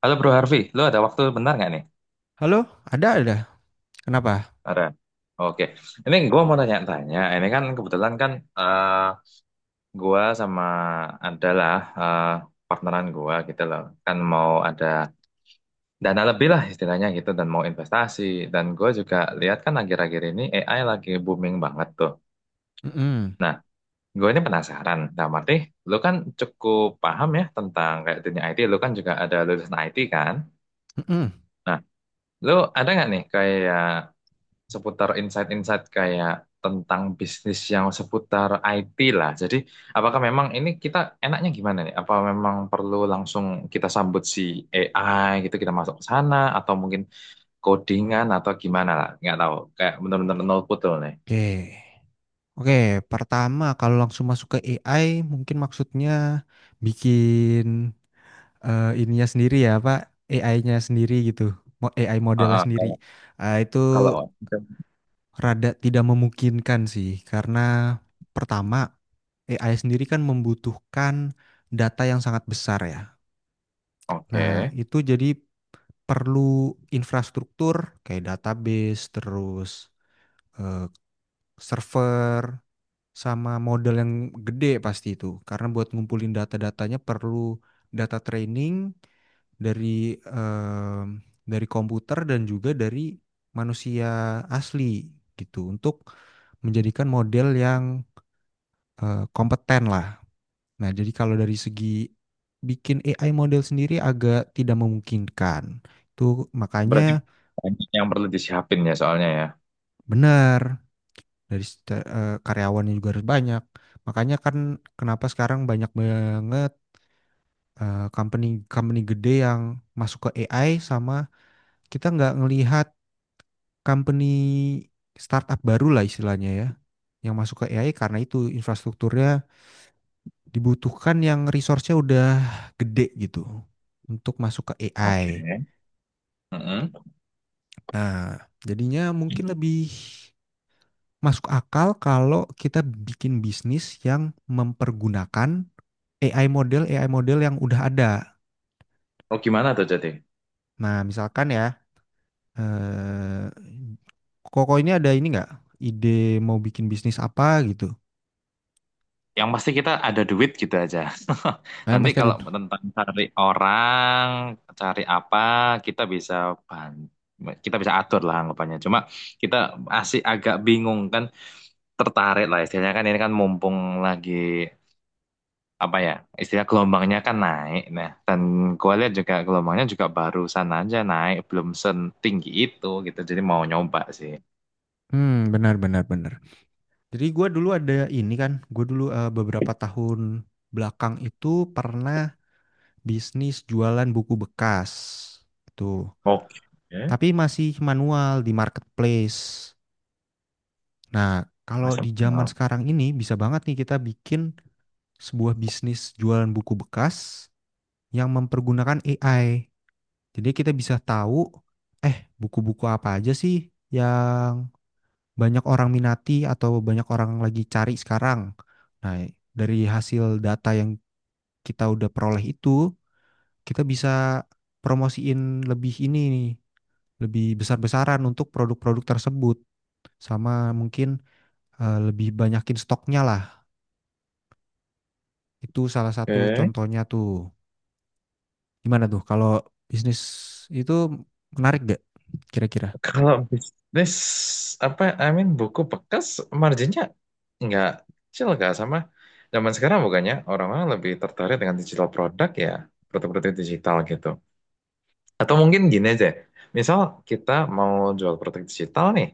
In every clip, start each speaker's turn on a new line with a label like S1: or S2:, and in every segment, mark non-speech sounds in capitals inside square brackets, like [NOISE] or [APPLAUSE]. S1: Halo Bro Harvey, lo ada waktu bentar nggak nih?
S2: Halo, ada ada. Kenapa?
S1: Ada. Oke, ini gue mau tanya-tanya. Ini kan kebetulan kan eh gue sama adalah eh partneran gue gitu loh. Kan mau ada dana lebih lah istilahnya gitu dan mau investasi. Dan gue juga lihat kan akhir-akhir ini AI lagi booming banget tuh.
S2: Mm-mm,
S1: Nah, gue ini penasaran. Dalam arti, lo kan cukup paham ya tentang kayak dunia IT. Lo kan juga ada lulusan IT kan?
S2: mm-mm.
S1: Nah, Lo ada nggak nih kayak seputar insight-insight kayak tentang bisnis yang seputar IT lah. Jadi, apakah memang ini kita enaknya gimana nih? Apa memang perlu langsung kita sambut si AI gitu, kita masuk ke sana, atau mungkin codingan atau gimana lah? Nggak tahu. Kayak benar-benar nol putul nih.
S2: Oke. Oke, pertama kalau langsung masuk ke AI mungkin maksudnya bikin ininya sendiri ya, Pak. AI-nya sendiri gitu. AI modelnya
S1: Heeh, kalau
S2: sendiri. Ah, itu
S1: kalau
S2: rada tidak memungkinkan sih karena pertama AI sendiri kan membutuhkan data yang sangat besar ya. Nah,
S1: oke.
S2: itu jadi perlu infrastruktur kayak database terus eh, server sama model yang gede pasti itu karena buat ngumpulin data-datanya perlu data training dari dari komputer dan juga dari manusia asli gitu untuk menjadikan model yang kompeten lah. Nah, jadi kalau dari segi bikin AI model sendiri agak tidak memungkinkan. Itu
S1: Berarti
S2: makanya
S1: banyak yang perlu disiapin ya soalnya ya.
S2: benar dari karyawannya juga harus banyak. Makanya kan kenapa sekarang banyak banget company company gede yang masuk ke AI sama kita nggak ngelihat company startup baru lah istilahnya ya yang masuk ke AI karena itu infrastrukturnya dibutuhkan yang resource-nya udah gede gitu untuk masuk ke
S1: Oke.
S2: AI.
S1: Heeh.
S2: Nah, jadinya mungkin lebih masuk akal kalau kita bikin bisnis yang mempergunakan AI model AI model yang udah ada.
S1: Oh, gimana tuh jadi?
S2: Nah, misalkan ya, eh, Koko ini ada ini nggak ide mau bikin bisnis apa gitu?
S1: Yang pasti kita ada duit gitu aja. [LAUGHS]
S2: Nah, yang
S1: Nanti
S2: pasti ada.
S1: kalau tentang cari orang, cari apa, kita bisa bahan, kita bisa atur lah anggapannya. Cuma kita masih agak bingung kan, tertarik lah istilahnya kan ini kan mumpung lagi apa ya, istilah gelombangnya kan naik. Nah, dan gue lihat juga gelombangnya juga barusan aja naik, belum setinggi itu gitu. Jadi mau nyoba sih.
S2: Hmm, benar benar benar. Jadi gue dulu ada ini kan, gue dulu beberapa tahun belakang itu pernah bisnis jualan buku bekas itu,
S1: Oke,
S2: tapi masih manual di marketplace. Nah, kalau di
S1: Masuk.
S2: zaman sekarang ini bisa banget nih kita bikin sebuah bisnis jualan buku bekas yang mempergunakan AI. Jadi kita bisa tahu, buku-buku apa aja sih yang banyak orang minati atau banyak orang lagi cari sekarang. Nah, dari hasil data yang kita udah peroleh itu, kita bisa promosiin lebih ini nih, lebih besar-besaran untuk produk-produk tersebut. Sama mungkin lebih banyakin stoknya lah. Itu salah satu
S1: Oke.
S2: contohnya tuh. Gimana tuh kalau bisnis itu menarik gak kira-kira?
S1: Kalau bisnis apa I mean buku bekas marginnya nggak kecil nggak sama zaman sekarang bukannya orang-orang lebih tertarik dengan digital produk ya produk-produk digital gitu atau mungkin gini aja misal kita mau jual produk digital nih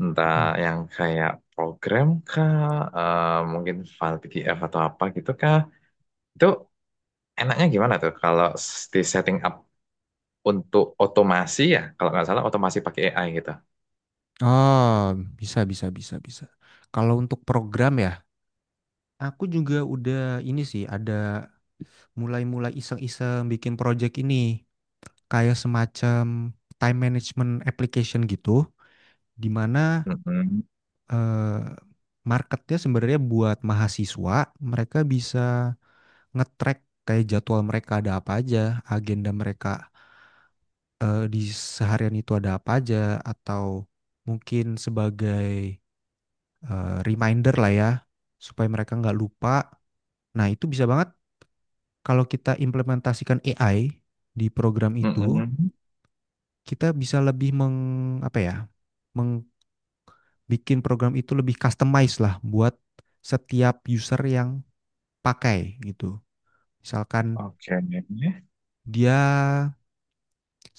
S1: entah
S2: Mm.
S1: yang kayak program kah, mungkin file PDF atau apa gitu kah, itu enaknya gimana tuh kalau di setting up untuk otomasi ya kalau nggak salah otomasi pakai AI gitu.
S2: Oh, bisa, bisa, bisa, bisa. Kalau untuk program ya, aku juga udah ini sih, ada mulai-mulai iseng-iseng bikin project ini. Kayak semacam time management application gitu, di mana
S1: Mm-mm.
S2: eh, marketnya sebenarnya buat mahasiswa, mereka bisa nge-track kayak jadwal mereka ada apa aja, agenda mereka di seharian itu ada apa aja, atau mungkin sebagai reminder lah ya, supaya mereka nggak lupa. Nah, itu bisa banget kalau kita implementasikan AI di program itu,
S1: Mm-mm.
S2: kita bisa lebih apa ya, membikin program itu lebih customized lah buat setiap user yang pakai gitu. Misalkan
S1: Oke.
S2: dia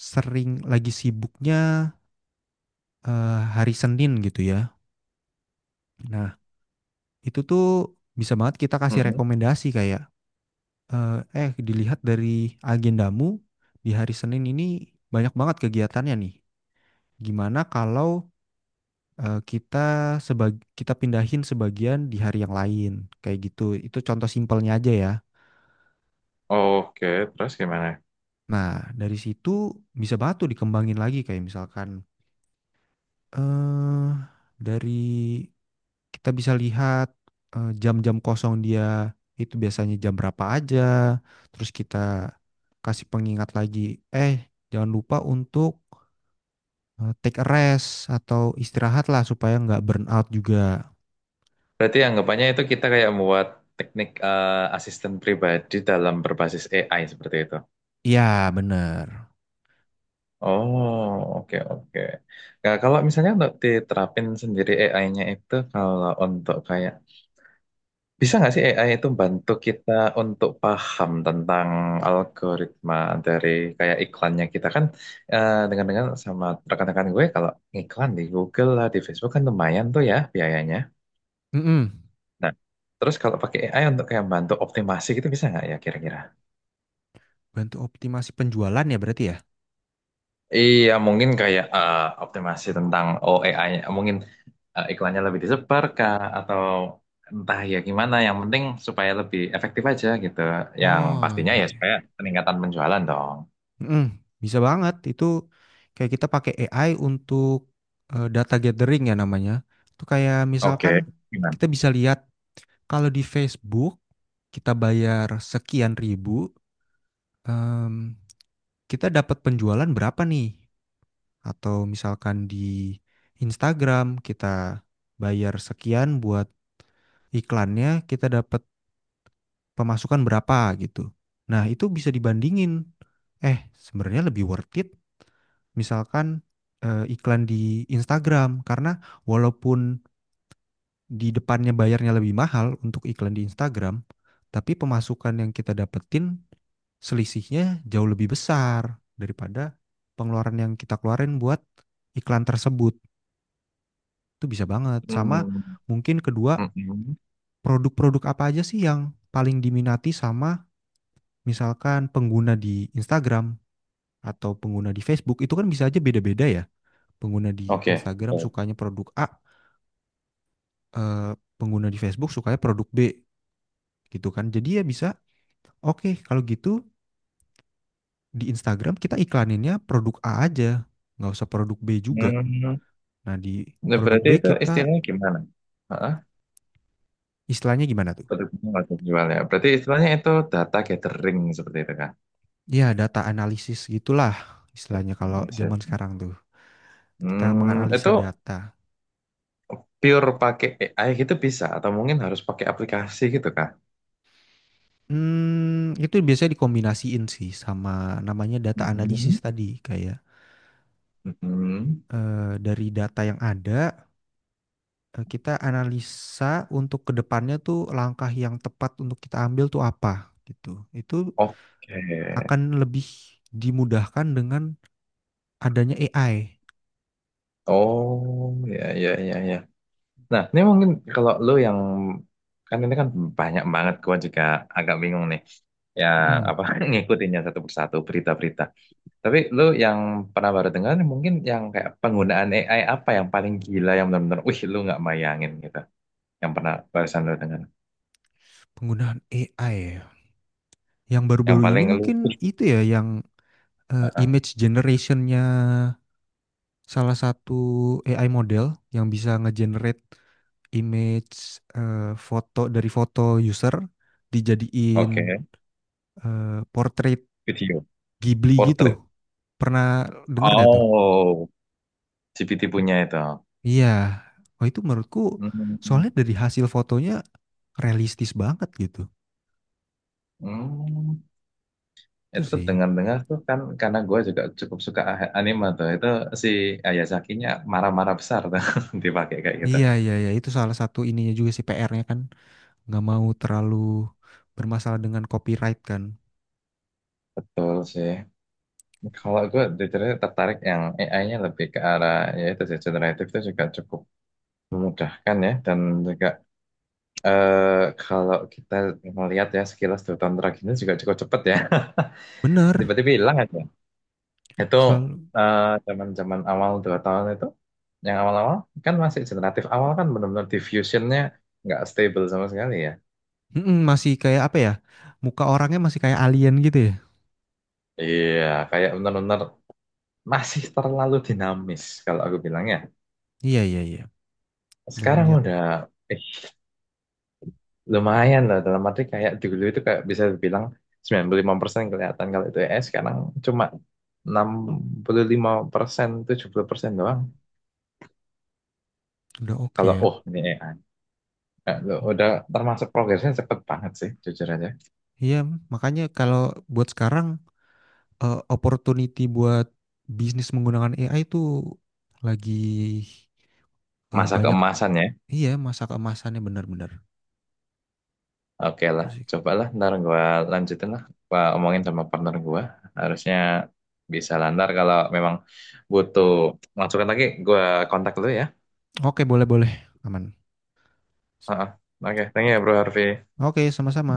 S2: sering lagi sibuknya hari Senin gitu ya. Nah, itu tuh bisa banget kita kasih
S1: Mm-mm.
S2: rekomendasi kayak dilihat dari agendamu di hari Senin ini banyak banget kegiatannya nih. Gimana kalau kita sebag kita pindahin sebagian di hari yang lain kayak gitu. Itu contoh simpelnya aja ya.
S1: Oke, terus gimana?
S2: Nah, dari situ bisa banget tuh dikembangin lagi kayak misalkan eh dari kita bisa lihat jam-jam kosong dia itu biasanya jam berapa aja. Terus kita kasih pengingat lagi, eh jangan lupa untuk take a rest atau istirahat lah supaya nggak burn out juga.
S1: Berarti anggapannya itu kita kayak membuat teknik asisten pribadi dalam berbasis AI seperti itu.
S2: Ya, bener.
S1: Oh, oke oke. Nah, kalau misalnya untuk diterapin sendiri AI-nya itu kalau untuk kayak bisa nggak sih AI itu bantu kita untuk paham tentang algoritma dari kayak iklannya kita kan eh, dengan-dengan sama rekan-rekan gue kalau iklan di Google lah di Facebook kan lumayan tuh ya biayanya.
S2: Mm-mm.
S1: Nah, terus kalau pakai AI untuk kayak bantu optimasi gitu bisa nggak ya kira-kira?
S2: Bantu optimasi penjualan ya berarti ya?
S1: Iya, mungkin kayak optimasi tentang oh AI, mungkin iklannya lebih disebar kah atau entah ya gimana. Yang penting supaya lebih efektif aja gitu. Yang
S2: Oh,
S1: pastinya
S2: iya,
S1: ya
S2: iya.
S1: supaya peningkatan penjualan dong.
S2: Mm-mm. Bisa banget. Itu kayak kita pakai AI untuk data gathering ya namanya. Itu kayak misalkan
S1: Oke, gimana?
S2: kita bisa lihat kalau di Facebook kita bayar sekian ribu, em, kita dapat penjualan berapa nih? Atau misalkan di Instagram kita bayar sekian buat iklannya, kita dapat pemasukan berapa gitu. Nah, itu bisa dibandingin. Sebenarnya lebih worth it misalkan iklan di Instagram karena walaupun di depannya bayarnya lebih mahal untuk iklan di Instagram, tapi pemasukan yang kita dapetin selisihnya jauh lebih besar daripada pengeluaran yang kita keluarin buat iklan tersebut. Itu bisa banget. Sama
S1: Hmm,
S2: mungkin kedua,
S1: mm-mm.
S2: produk-produk apa aja sih yang paling diminati sama misalkan pengguna di Instagram atau pengguna di Facebook. Itu kan bisa aja beda-beda ya. Pengguna di
S1: Oke,
S2: Instagram
S1: betul.
S2: sukanya produk A, eh, pengguna di Facebook sukanya produk B gitu kan. Jadi ya bisa, oke kalau gitu di Instagram kita iklaninnya produk A aja, nggak usah produk B juga.
S1: Hmm,
S2: Nah di
S1: nah,
S2: produk
S1: berarti
S2: B
S1: itu
S2: kita
S1: istilahnya gimana? Heeh,
S2: istilahnya gimana tuh?
S1: betul nggak jual ya. Berarti istilahnya itu data gathering seperti itu
S2: Ya data analisis gitulah istilahnya kalau zaman
S1: kan?
S2: sekarang tuh. Kita
S1: Hmm, itu
S2: menganalisa data.
S1: pure pakai AI gitu bisa atau mungkin harus pakai aplikasi gitu kah?
S2: Itu biasanya dikombinasiin sih sama namanya data analisis
S1: Mhm.
S2: tadi, kayak
S1: Mhm.
S2: dari data yang ada kita analisa untuk ke depannya tuh langkah yang tepat untuk kita ambil tuh apa gitu. Itu
S1: Oke.
S2: akan lebih dimudahkan dengan adanya AI.
S1: Oh, ya ya ya ya. Nah, ini mungkin kalau lu yang kan ini kan banyak banget gua juga agak bingung nih. Ya
S2: Mm,
S1: apa [LAUGHS] ngikutinnya satu persatu berita-berita. Tapi lu yang pernah baru dengar mungkin yang kayak penggunaan AI apa yang paling gila yang benar-benar wih lu nggak bayangin gitu. Yang pernah barusan lu dengar.
S2: penggunaan AI ya. Yang
S1: Yang
S2: baru-baru ini
S1: paling lu
S2: mungkin itu
S1: [LAUGHS]
S2: ya yang
S1: uh,
S2: image generationnya salah satu AI model yang bisa ngegenerate image foto dari foto user dijadiin
S1: Oke,
S2: portrait
S1: video
S2: Ghibli gitu.
S1: portrait.
S2: Pernah denger nggak tuh?
S1: Oh, GPT punya itu.
S2: Iya, oh itu menurutku
S1: Hmm,
S2: soalnya dari hasil fotonya realistis banget gitu.
S1: hmm.
S2: Itu
S1: Itu
S2: sih.
S1: dengar-dengar tuh kan karena gue juga cukup suka anime tuh. Itu si Ayazakinya marah-marah besar tuh [LAUGHS] dipakai kayak gitu.
S2: Iya, iya, iya, itu salah satu ininya juga sih PR-nya kan nggak mau terlalu bermasalah dengan copyright kan.
S1: Betul sih. Kalau gue jujurnya tertarik yang AI-nya lebih ke arah ya itu sih generatif itu juga cukup memudahkan ya dan juga, eh, kalau kita melihat ya sekilas 2 tahun terakhir ini juga cukup cepet ya. [LAUGHS]
S2: Bener,
S1: Tiba-tiba hilang aja. Itu
S2: selalu.
S1: eh, zaman-zaman awal 2 tahun itu, yang awal-awal kan masih generatif awal kan benar-benar diffusionnya nggak stable sama sekali ya.
S2: Mm-mm, masih kayak apa ya? Muka orangnya masih kayak alien gitu ya.
S1: Iya, kayak benar-benar masih terlalu dinamis kalau aku bilangnya.
S2: Iya, iya, iya. Dan
S1: Sekarang
S2: melihat
S1: udah eh, lumayan lah dalam arti kayak dulu itu kayak bisa dibilang 95% kelihatan kalau itu ES, sekarang cuma 65% 70% doang.
S2: udah oke
S1: Kalau
S2: ya.
S1: oh ini AI. Udah termasuk progresnya cepet banget sih jujur aja.
S2: Iya, makanya kalau buat sekarang opportunity buat bisnis menggunakan AI itu lagi
S1: Masa
S2: banyak.
S1: keemasan ya.
S2: Iya, masa keemasannya benar-benar.
S1: Oke lah, cobalah ntar gue lanjutin lah. Gua omongin sama partner gue. Harusnya bisa lah ntar kalau memang butuh masukan lagi, gue kontak dulu ya.
S2: Oke, boleh-boleh. Aman.
S1: Heeh. Oke, thank you ya bro Harvey.
S2: Oke, sama-sama.